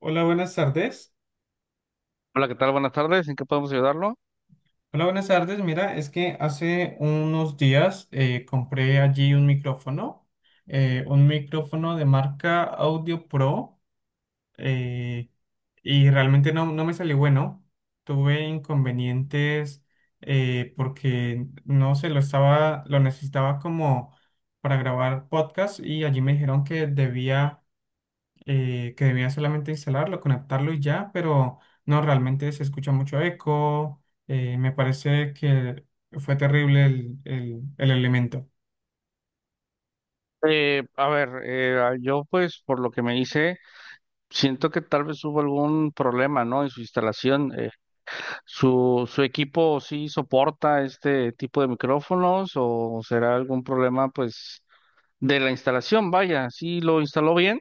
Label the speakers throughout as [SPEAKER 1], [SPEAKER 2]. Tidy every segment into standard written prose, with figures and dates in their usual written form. [SPEAKER 1] Hola, buenas tardes.
[SPEAKER 2] Hola, ¿qué tal? Buenas tardes. ¿En qué podemos ayudarlo?
[SPEAKER 1] Hola, buenas tardes. Mira, es que hace unos días compré allí un micrófono de marca Audio Pro, eh, y realmente no me salió bueno. Tuve inconvenientes porque no sé, lo necesitaba como para grabar podcast y allí me dijeron que debía solamente instalarlo, conectarlo y ya, pero no, realmente se escucha mucho eco. Me parece que fue terrible el elemento.
[SPEAKER 2] Yo pues por lo que me hice, siento que tal vez hubo algún problema, ¿no? En su instalación. ¿Su equipo sí soporta este tipo de micrófonos o será algún problema pues de la instalación? Vaya, ¿sí lo instaló bien?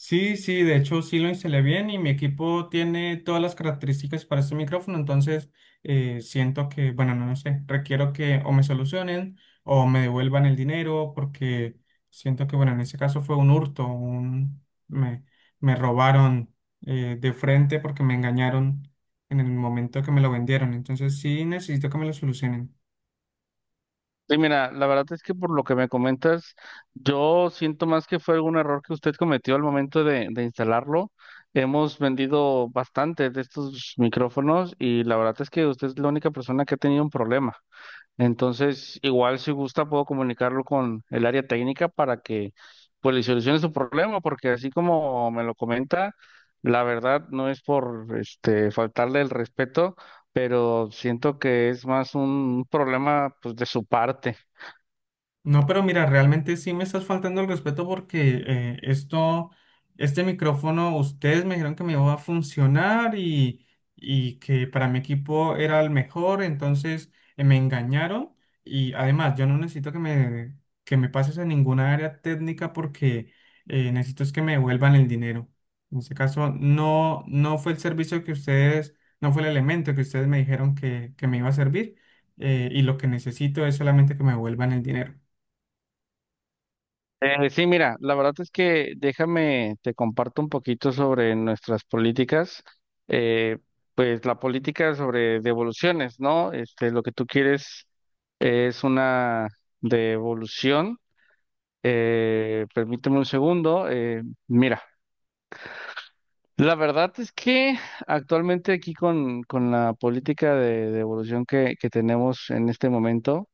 [SPEAKER 1] Sí, sí, de hecho sí lo instalé bien y mi equipo tiene todas las características para este micrófono, entonces siento que, bueno, no, lo sé, requiero que o me solucionen o me devuelvan el dinero porque siento que, bueno, en ese caso fue un hurto, me, me robaron de frente porque me engañaron en el momento que me lo vendieron, entonces sí necesito que me lo solucionen.
[SPEAKER 2] Y mira, la verdad es que por lo que me comentas, yo siento más que fue algún error que usted cometió al momento de instalarlo. Hemos vendido bastante de estos micrófonos y la verdad es que usted es la única persona que ha tenido un problema. Entonces, igual si gusta, puedo comunicarlo con el área técnica para que pues le solucione su problema, porque así como me lo comenta, la verdad no es por este faltarle el respeto, pero siento que es más un problema pues de su parte.
[SPEAKER 1] No, pero mira, realmente sí me estás faltando el respeto porque este micrófono, ustedes me dijeron que me iba a funcionar y que para mi equipo era el mejor, entonces me engañaron y además yo no necesito que me pases en ninguna área técnica porque necesito es que me devuelvan el dinero. En este caso, no fue el servicio que ustedes, no fue el elemento que ustedes me dijeron que me iba a servir y lo que necesito es solamente que me devuelvan el dinero.
[SPEAKER 2] Sí, mira, la verdad es que déjame, te comparto un poquito sobre nuestras políticas, eh, pues la política sobre devoluciones, ¿no? Este, lo que tú quieres es una devolución. Permíteme un segundo. Mira, la verdad es que actualmente aquí con la política de devolución que tenemos en este momento,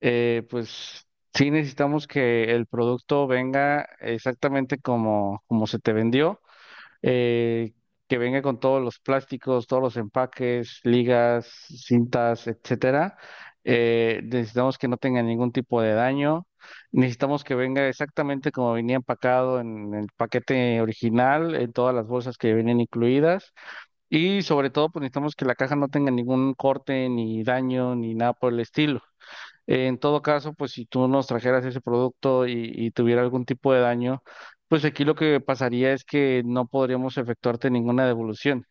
[SPEAKER 2] pues sí necesitamos que el producto venga exactamente como, como se te vendió, eh, que venga con todos los plásticos, todos los empaques, ligas, cintas, etcétera. Necesitamos que no tenga ningún tipo de daño. Necesitamos que venga exactamente como venía empacado en el paquete original, en todas las bolsas que vienen incluidas. Y sobre todo, pues necesitamos que la caja no tenga ningún corte, ni daño, ni nada por el estilo. En todo caso, pues si tú nos trajeras ese producto y tuviera algún tipo de daño, pues aquí lo que pasaría es que no podríamos efectuarte ninguna devolución.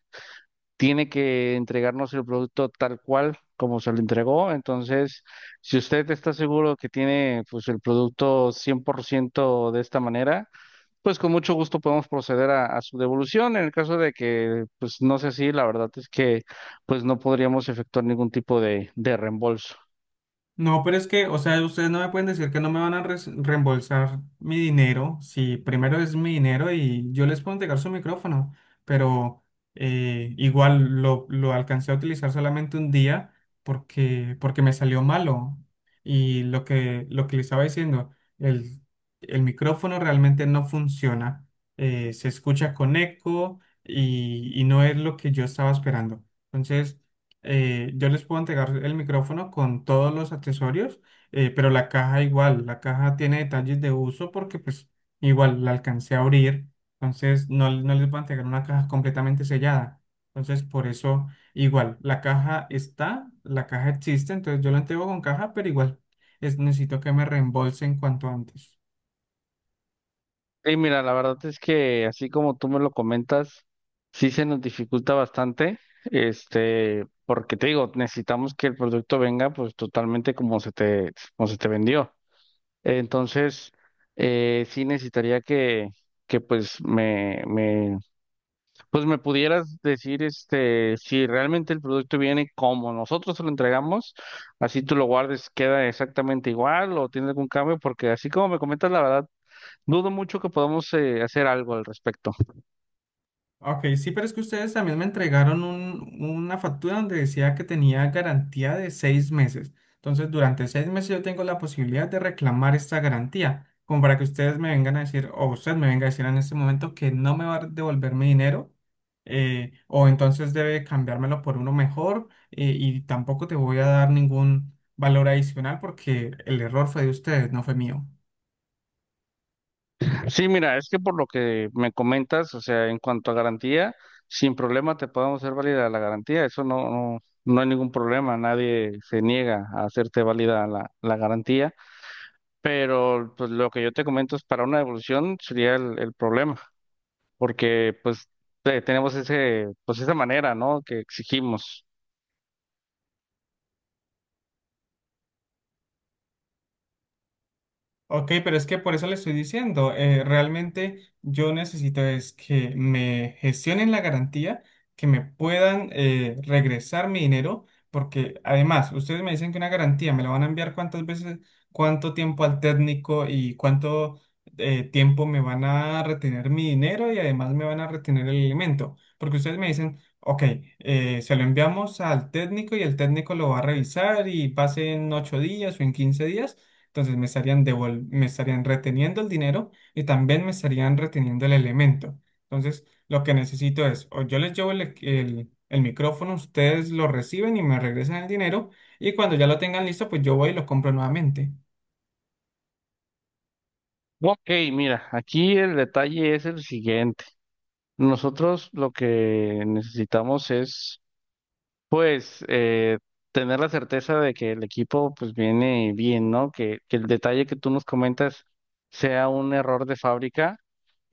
[SPEAKER 2] Tiene que entregarnos el producto tal cual como se lo entregó. Entonces, si usted está seguro que tiene pues el producto 100% de esta manera, pues con mucho gusto podemos proceder a su devolución. En el caso de que pues no sea así, la verdad es que pues no podríamos efectuar ningún tipo de reembolso.
[SPEAKER 1] No, pero es que, o sea, ustedes no me pueden decir que no me van a res- reembolsar mi dinero, si primero es mi dinero y yo les puedo entregar su micrófono, pero igual lo alcancé a utilizar solamente un día porque me salió malo. Y lo que les estaba diciendo, el, el micrófono realmente no funciona, se escucha con eco y no es lo que yo estaba esperando. Entonces yo les puedo entregar el micrófono con todos los accesorios, pero la caja tiene detalles de uso porque pues igual la alcancé a abrir, entonces no, no les voy a entregar una caja completamente sellada. Entonces por eso igual, la caja existe, entonces yo la entrego con caja, pero igual necesito que me reembolsen cuanto antes.
[SPEAKER 2] Y mira, la verdad es que así como tú me lo comentas, sí se nos dificulta bastante, este, porque te digo, necesitamos que el producto venga pues totalmente como se te vendió. Entonces, sí necesitaría que pues pues me pudieras decir este, si realmente el producto viene como nosotros se lo entregamos, así tú lo guardes, queda exactamente igual o tiene algún cambio, porque así como me comentas, la verdad. Dudo mucho que podamos hacer algo al respecto.
[SPEAKER 1] Ok, sí, pero es que ustedes también me entregaron un- una factura donde decía que tenía garantía de 6 meses. Entonces, durante 6 meses yo tengo la posibilidad de reclamar esta garantía, como para que ustedes me vengan a decir, o usted me venga a decir en este momento que no me va a devolver mi dinero, o entonces debe cambiármelo por uno mejor, y tampoco te voy a dar ningún valor adicional porque el error fue de ustedes, no fue mío.
[SPEAKER 2] Sí, mira, es que por lo que me comentas, o sea, en cuanto a garantía, sin problema te podemos hacer válida la garantía. Eso no, no, no hay ningún problema. Nadie se niega a hacerte válida la garantía. Pero pues lo que yo te comento es para una devolución sería el problema, porque pues tenemos ese, pues esa manera, ¿no? Que exigimos.
[SPEAKER 1] Ok, pero es que por eso le estoy diciendo, realmente yo necesito es que me gestionen la garantía, que me puedan regresar mi dinero, porque además ustedes me dicen que una garantía me la van a enviar cuántas veces, cuánto tiempo al técnico y cuánto tiempo me van a retener mi dinero y además me van a retener el alimento, porque ustedes me dicen, ok, se lo enviamos al técnico y el técnico lo va a revisar y pase en 8 días o en 15 días. Entonces me estarían devol- me estarían reteniendo el dinero y también me estarían reteniendo el elemento. Entonces, lo que necesito es, o yo les llevo el micrófono, ustedes lo reciben y me regresan el dinero, y cuando ya lo tengan listo, pues yo voy y lo compro nuevamente.
[SPEAKER 2] Ok, mira, aquí el detalle es el siguiente. Nosotros lo que necesitamos es pues tener la certeza de que el equipo pues viene bien, ¿no? Que el detalle que tú nos comentas sea un error de fábrica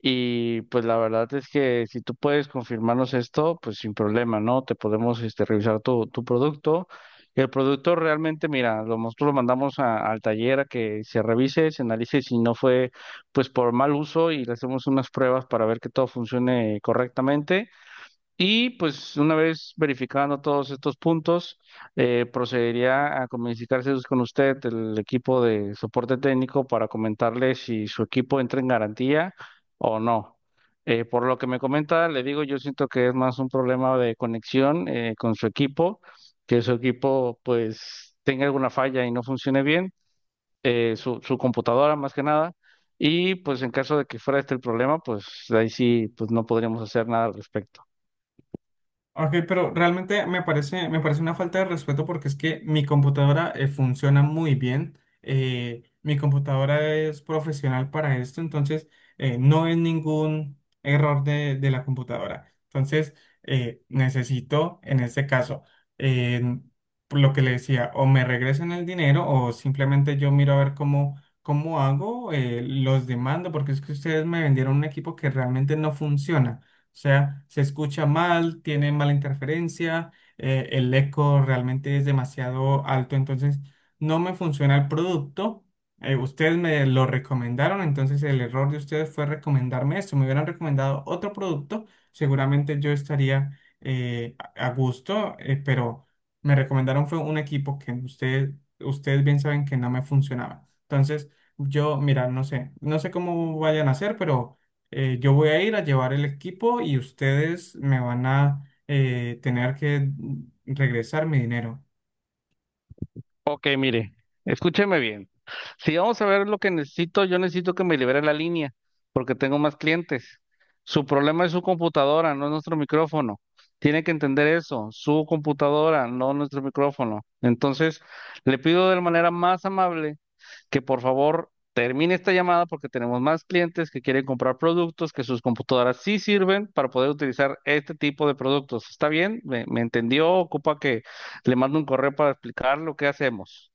[SPEAKER 2] y pues la verdad es que si tú puedes confirmarnos esto, pues sin problema, ¿no? Te podemos este, revisar tu producto. El producto realmente, mira, lo, nosotros lo mandamos al taller a que se revise, se analice si no fue pues por mal uso y le hacemos unas pruebas para ver que todo funcione correctamente. Y pues una vez verificando todos estos puntos, procedería a comunicarse pues, con usted, el equipo de soporte técnico, para comentarle si su equipo entra en garantía o no. Por lo que me comenta, le digo, yo siento que es más un problema de conexión con su equipo, que su equipo pues tenga alguna falla y no funcione bien, su computadora más que nada. Y pues en caso de que fuera este el problema, pues ahí sí, pues no podríamos hacer nada al respecto.
[SPEAKER 1] Ok, pero realmente me parece una falta de respeto porque es que mi computadora funciona muy bien. Mi computadora es profesional para esto, entonces no es ningún error de la computadora. Entonces necesito, en este caso, eh, por lo que le decía, o me regresan el dinero o simplemente yo miro a ver cómo hago, los demando porque es que ustedes me vendieron un equipo que realmente no funciona. O sea, se escucha mal, tiene mala interferencia, el eco realmente es demasiado alto, entonces no me funciona el producto. Ustedes me lo recomendaron, entonces el error de ustedes fue recomendarme esto. Me hubieran recomendado otro producto, seguramente yo estaría a gusto, pero me recomendaron fue un equipo que ustedes, ustedes bien saben que no me funcionaba. Entonces, yo, mira, no sé, no sé cómo vayan a hacer, pero yo voy a ir a llevar el equipo y ustedes me van a tener que regresar mi dinero.
[SPEAKER 2] Ok, mire, escúcheme bien. Si vamos a ver lo que necesito, yo necesito que me libere la línea, porque tengo más clientes. Su problema es su computadora, no es nuestro micrófono. Tiene que entender eso, su computadora, no nuestro micrófono. Entonces, le pido de la manera más amable que por favor termine esta llamada porque tenemos más clientes que quieren comprar productos, que sus computadoras sí sirven para poder utilizar este tipo de productos. ¿Está bien? ¿Me entendió? Ocupa que le mando un correo para explicar lo que hacemos.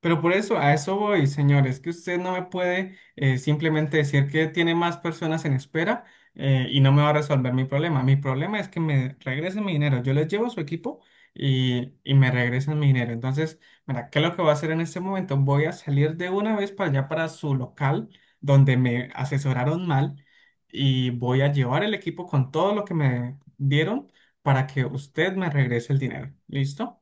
[SPEAKER 1] Pero por eso, a eso voy, señores, que usted no me puede simplemente decir que tiene más personas en espera y no me va a resolver mi problema. Mi problema es que me regresen mi dinero. Yo les llevo su equipo y me regresan mi dinero. Entonces, mira, ¿qué es lo que voy a hacer en este momento? Voy a salir de una vez para allá, para su local, donde me asesoraron mal y voy a llevar el equipo con todo lo que me dieron para que usted me regrese el dinero. ¿Listo?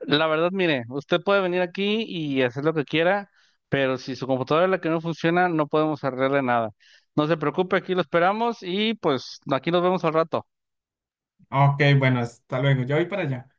[SPEAKER 2] La verdad, mire, usted puede venir aquí y hacer lo que quiera, pero si su computadora es la que no funciona, no podemos arreglarle nada. No se preocupe, aquí lo esperamos y pues aquí nos vemos al rato.
[SPEAKER 1] Ok, bueno, hasta luego. Yo voy para allá.